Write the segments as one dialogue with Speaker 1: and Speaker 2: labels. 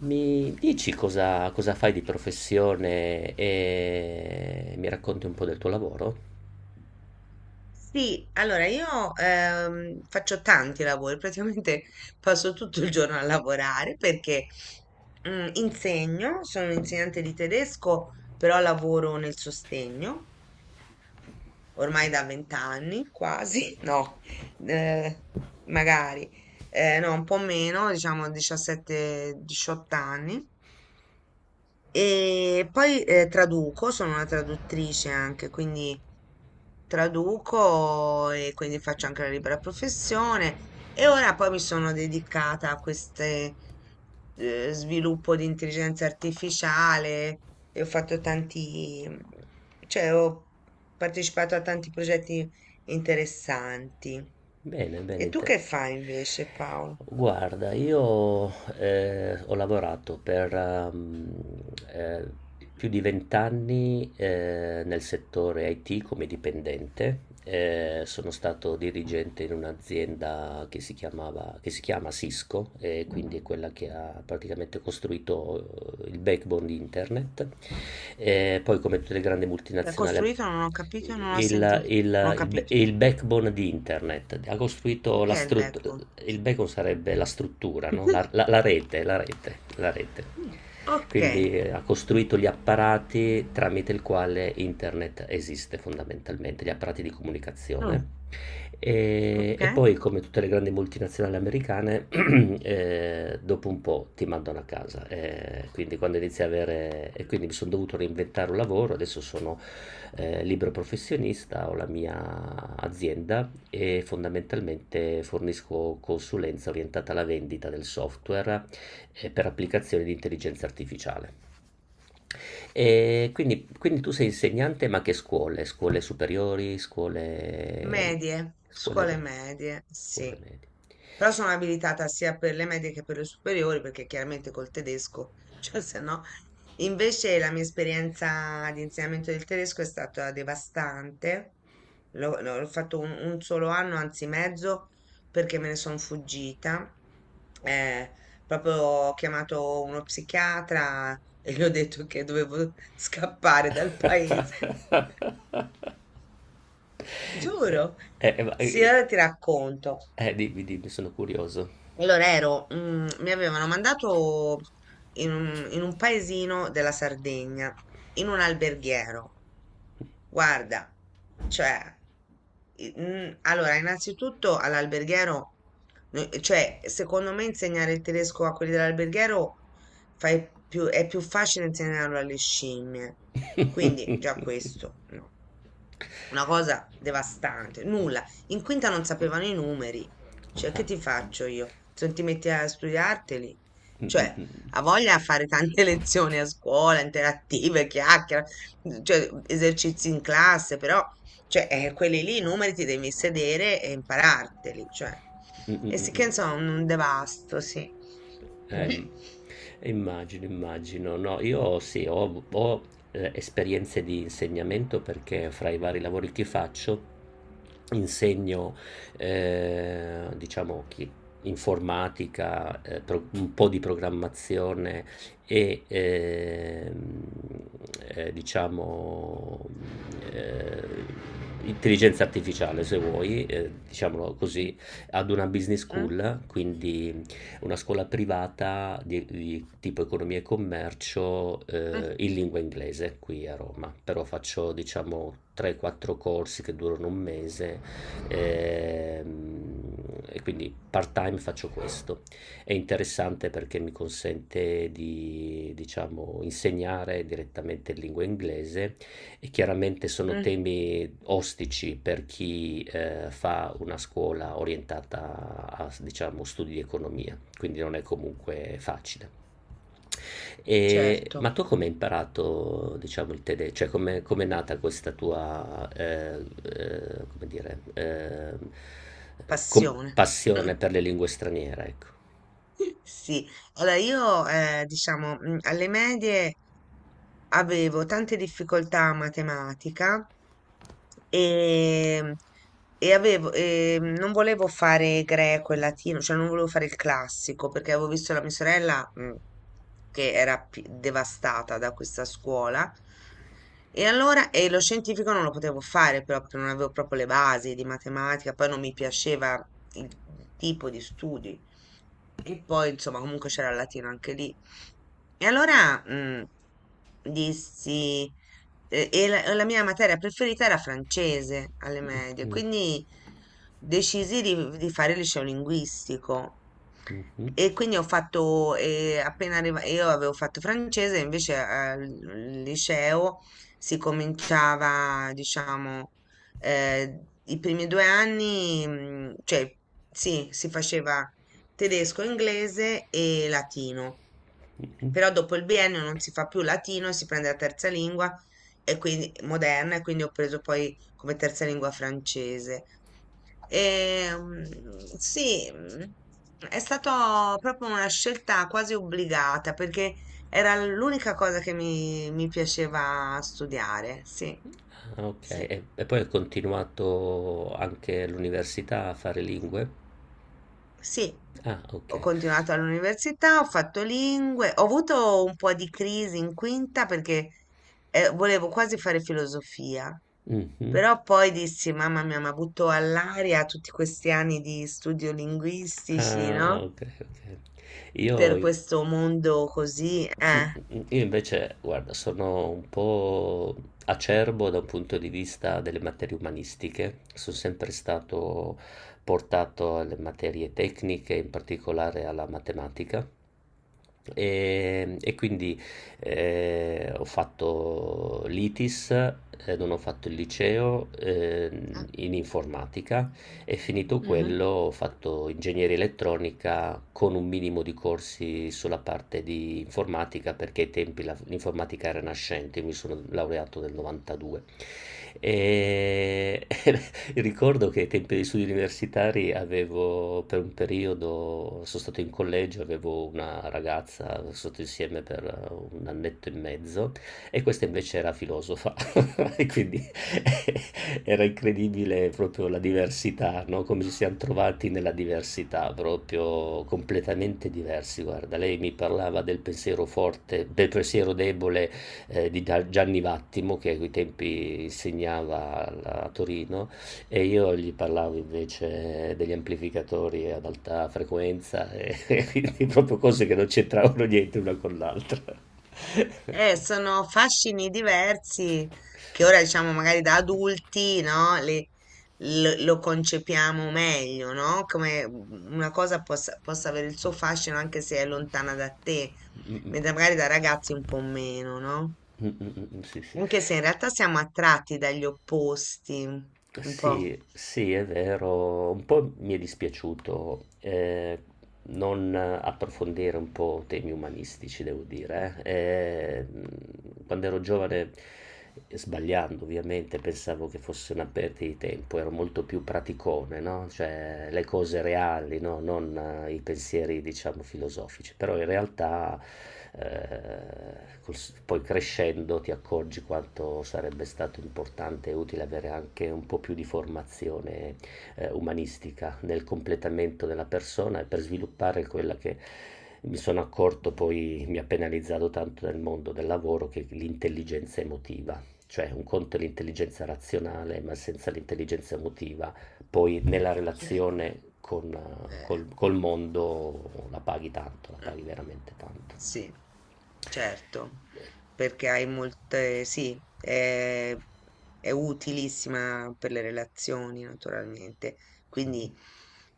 Speaker 1: Mi dici cosa fai di professione e mi racconti un po' del tuo lavoro?
Speaker 2: Sì, allora io faccio tanti lavori, praticamente passo tutto il giorno a lavorare perché insegno, sono insegnante di tedesco, però lavoro nel sostegno ormai da vent'anni, quasi, no, eh, magari, no, un po' meno, diciamo 17-18 anni. E poi traduco, sono una traduttrice anche, quindi traduco e quindi faccio anche la libera professione e ora poi mi sono dedicata a queste sviluppo di intelligenza artificiale e ho fatto tanti, cioè ho partecipato a tanti progetti interessanti.
Speaker 1: Bene,
Speaker 2: E
Speaker 1: bene
Speaker 2: tu
Speaker 1: te.
Speaker 2: che fai invece, Paolo?
Speaker 1: Guarda, io ho lavorato per eh, più di vent'anni nel settore IT come dipendente. Sono stato dirigente in un'azienda che si chiama Cisco, e quindi è quella che ha praticamente costruito il backbone di internet. Poi come tutte le grandi
Speaker 2: L'ha
Speaker 1: multinazionali
Speaker 2: costruito? Non ho capito, non ho
Speaker 1: il,
Speaker 2: sentito, non ho
Speaker 1: il, il-
Speaker 2: capito.
Speaker 1: il backbone di internet, ha costruito la
Speaker 2: Perché è il
Speaker 1: struttura,
Speaker 2: backbone?
Speaker 1: il backbone sarebbe la struttura, no? la, la- la rete, la rete.
Speaker 2: Ok,
Speaker 1: Quindi ha costruito gli apparati tramite il quale internet esiste fondamentalmente, gli apparati di comunicazione.
Speaker 2: mm,
Speaker 1: E,
Speaker 2: ok.
Speaker 1: e poi, come tutte le grandi multinazionali americane, dopo un po' ti mandano a casa, quindi quando inizi a avere, e quindi mi sono dovuto reinventare un lavoro, adesso sono libero professionista, ho la mia azienda e fondamentalmente fornisco consulenza orientata alla vendita del software per applicazioni di intelligenza artificiale. Quindi tu sei insegnante, ma che scuole? Scuole superiori,
Speaker 2: Medie,
Speaker 1: scuole,
Speaker 2: scuole
Speaker 1: me-
Speaker 2: medie, sì.
Speaker 1: scuole medie?
Speaker 2: Però sono abilitata sia per le medie che per le superiori, perché chiaramente col tedesco, cioè se no. Invece la mia esperienza di insegnamento del tedesco è stata devastante. L'ho fatto un solo anno, anzi mezzo, perché me ne sono fuggita. Eh, Proprio ho chiamato uno psichiatra e gli ho detto che dovevo scappare dal paese.
Speaker 1: Eh,
Speaker 2: Giuro.
Speaker 1: eh, ma-
Speaker 2: Sì,
Speaker 1: eh,
Speaker 2: allora ti racconto.
Speaker 1: dimmi, sono curioso.
Speaker 2: Allora ero, mi avevano mandato in un paesino della Sardegna, in un alberghiero. Guarda, cioè, allora, innanzitutto all'alberghiero, cioè, secondo me insegnare il tedesco a quelli dell'alberghiero è più facile insegnarlo alle scimmie. Quindi, già questo, no. Una cosa devastante, nulla. In quinta non sapevano i numeri. Cioè,
Speaker 1: Ah.
Speaker 2: che ti faccio io? Se non ti metti a studiarteli?
Speaker 1: mm, mm,
Speaker 2: Cioè,
Speaker 1: mm,
Speaker 2: ha voglia a fare tante lezioni a scuola, interattive, chiacchiere, cioè, esercizi in classe, però, cioè, quelli lì, i numeri ti devi sedere e impararteli, cioè.
Speaker 1: mm, mm,
Speaker 2: E
Speaker 1: mm.
Speaker 2: sì che,
Speaker 1: mm.
Speaker 2: insomma, un devasto, sì. Mm,
Speaker 1: Im- Immagino, immagino. No, io sì, ho esperienze di insegnamento perché fra i vari lavori che faccio insegno, diciamo, informatica, un po' di programmazione e diciamo, eh, intelligenza artificiale, se vuoi, diciamolo
Speaker 2: mm,
Speaker 1: così, ad una business
Speaker 2: mm,
Speaker 1: school, quindi una scuola privata di tipo economia e commercio in lingua inglese qui a Roma, però faccio diciamo 3-4 corsi che durano un mese ehm, e quindi part time faccio questo. È interessante perché mi consente di diciamo insegnare direttamente in lingua inglese e chiaramente sono
Speaker 2: mm,
Speaker 1: temi ostici per chi fa una scuola orientata a diciamo studi di economia quindi non è comunque facile. E,
Speaker 2: certo,
Speaker 1: ma tu come hai imparato, diciamo, il tedesco? Cioè, come è nata questa tua, come dire,
Speaker 2: passione.
Speaker 1: passione per le lingue straniere, ecco.
Speaker 2: Sì, allora io diciamo alle medie avevo tante difficoltà a matematica e, e avevo, e non volevo fare greco e latino, cioè non volevo fare il classico perché avevo visto la mia sorella che era devastata da questa scuola e allora e lo scientifico non lo potevo fare però perché non avevo proprio le basi di matematica, poi non mi piaceva il tipo di studi e poi, insomma, comunque c'era il latino anche lì. E allora dissi, e la mia materia preferita era francese alle medie,
Speaker 1: Mm,
Speaker 2: quindi decisi di fare il liceo linguistico.
Speaker 1: mhm,
Speaker 2: E quindi ho fatto, io avevo fatto francese, invece al liceo si cominciava, diciamo, i primi 2 anni, cioè sì, si faceva tedesco, inglese e latino.
Speaker 1: mhm.
Speaker 2: Però dopo il biennio non si fa più latino, si prende la terza lingua e quindi moderna e quindi ho preso poi come terza lingua francese. E, sì, è stata proprio una scelta quasi obbligata perché era l'unica cosa che mi piaceva studiare. Sì,
Speaker 1: Ah, ok,
Speaker 2: sì.
Speaker 1: e poi hai continuato anche all'università a fare lingue?
Speaker 2: Sì,
Speaker 1: Ah,
Speaker 2: ho
Speaker 1: ok.
Speaker 2: continuato all'università, ho fatto lingue, ho avuto un po' di crisi in quinta perché volevo quasi fare filosofia,
Speaker 1: Mhm.
Speaker 2: però poi dissi, mamma mia, mi ha butto all'aria tutti questi anni di studio linguistici,
Speaker 1: Ah,
Speaker 2: no?
Speaker 1: ok, ok.
Speaker 2: Per
Speaker 1: Io.
Speaker 2: questo mondo così, eh.
Speaker 1: Mm. Io invece, guarda, sono un po' acerbo da un punto di vista delle materie umanistiche. Sono sempre stato portato alle materie tecniche, in particolare alla matematica. E quindi ho fatto l'ITIS, non ho fatto il liceo
Speaker 2: Ah.
Speaker 1: in informatica e finito
Speaker 2: Mhm.
Speaker 1: quello ho fatto ingegneria elettronica con un minimo di corsi sulla parte di informatica perché ai tempi l'informatica era nascente, io mi sono laureato nel 92. E, e ricordo che ai tempi degli studi universitari avevo per un periodo, sono stato in collegio, avevo una ragazza, sono stato insieme per un annetto e mezzo e questa invece era filosofa e quindi era incredibile proprio la diversità, no? Come ci siamo trovati nella diversità, proprio completamente diversi. Guarda, lei mi parlava del pensiero forte, del pensiero debole Gianni Vattimo che a quei tempi insegnava a Torino e io gli parlavo invece degli amplificatori ad alta frequenza e quindi proprio cose che non c'entravano niente una con l'altra.
Speaker 2: Sono fascini diversi che ora diciamo magari da adulti, no? Lo concepiamo meglio, no? Come una cosa possa, possa avere il suo fascino anche se è lontana da te,
Speaker 1: Mm, mm,
Speaker 2: mentre magari da ragazzi un po' meno, no?
Speaker 1: sì, sì.
Speaker 2: Anche se in realtà siamo attratti dagli opposti, un po'.
Speaker 1: Sì, sì, è vero, un po' mi è dispiaciuto. Non approfondire un po' temi umanistici, devo dire. E, quando ero giovane, sbagliando ovviamente, pensavo che fosse una perdita di tempo, ero molto più praticone, no? Cioè le cose reali, no? Non i pensieri, diciamo, filosofici. Però in realtà, eh, col- poi crescendo, ti accorgi quanto sarebbe stato importante e utile avere anche un po' più di formazione umanistica, nel completamento della persona e per sviluppare quella che mi sono accorto poi mi ha penalizzato tanto nel mondo del lavoro che è l'intelligenza emotiva. Cioè un conto è l'intelligenza razionale, ma senza l'intelligenza emotiva, poi nella
Speaker 2: Cioè,
Speaker 1: relazione con, eh,
Speaker 2: eh,
Speaker 1: col, col mondo la paghi tanto, la
Speaker 2: mm.
Speaker 1: paghi veramente tanto.
Speaker 2: Sì, certo, perché hai molte, sì, è utilissima per le relazioni, naturalmente. Quindi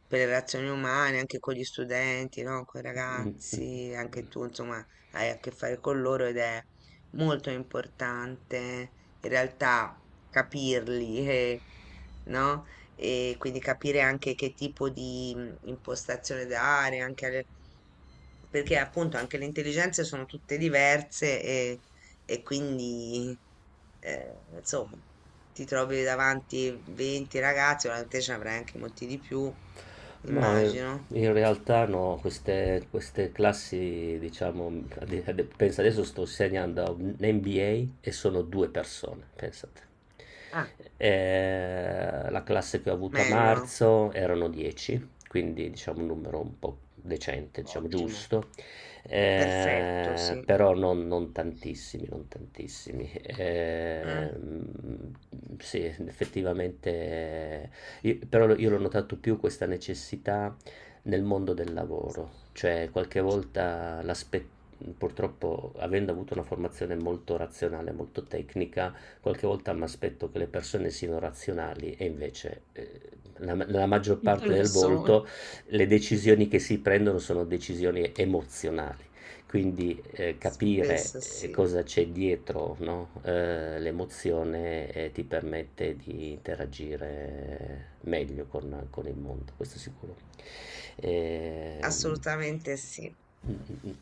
Speaker 2: per le relazioni umane, anche con gli studenti, no? Con i
Speaker 1: Mm.
Speaker 2: ragazzi, anche tu, insomma, hai a che fare con loro ed è molto importante in realtà capirli, no? E quindi capire anche che tipo di impostazione dare, anche alle perché appunto anche le intelligenze sono tutte diverse e quindi insomma ti trovi davanti 20 ragazzi, ora te ce ne avrai anche molti di più,
Speaker 1: No, in
Speaker 2: immagino.
Speaker 1: in realtà no, queste classi, diciamo, pensa adesso sto insegnando a un MBA e sono due persone, pensate.
Speaker 2: Ah,
Speaker 1: La classe che ho avuto a
Speaker 2: meglio.
Speaker 1: marzo erano 10, quindi diciamo un numero un po' decente, diciamo
Speaker 2: Ottimo.
Speaker 1: giusto.
Speaker 2: Perfetto, sì.
Speaker 1: Però non tantissimi, non tantissimi.
Speaker 2: Mm.
Speaker 1: Sì, effettivamente io l'ho notato più questa necessità nel mondo del lavoro, cioè qualche volta l'aspetto, purtroppo avendo avuto una formazione molto razionale, molto tecnica, qualche volta mi aspetto che le persone siano razionali e invece nella maggior parte del
Speaker 2: Adesso.
Speaker 1: volto le decisioni che si prendono sono decisioni emozionali. Quindi, capire,
Speaker 2: Spesso sì,
Speaker 1: cosa c'è dietro, no, l'emozione, ti permette di interagire meglio con il mondo, questo sicuro. Ehm,
Speaker 2: assolutamente sì.
Speaker 1: mh, mh, mh.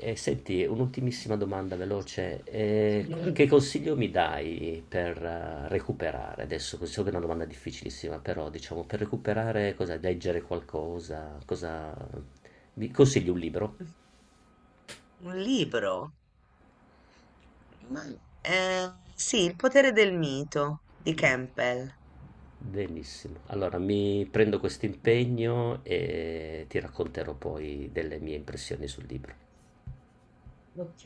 Speaker 1: E senti, un'ultimissima domanda veloce, c
Speaker 2: Un
Speaker 1: che consiglio mi dai per recuperare? Adesso, so che è una domanda difficilissima, però diciamo per recuperare cosa leggere qualcosa, cosa mi consigli un libro?
Speaker 2: un libro? Ma- sì, Il potere del mito di Campbell.
Speaker 1: Benissimo. Allora mi prendo questo impegno e ti racconterò poi delle mie impressioni sul libro.
Speaker 2: Ok.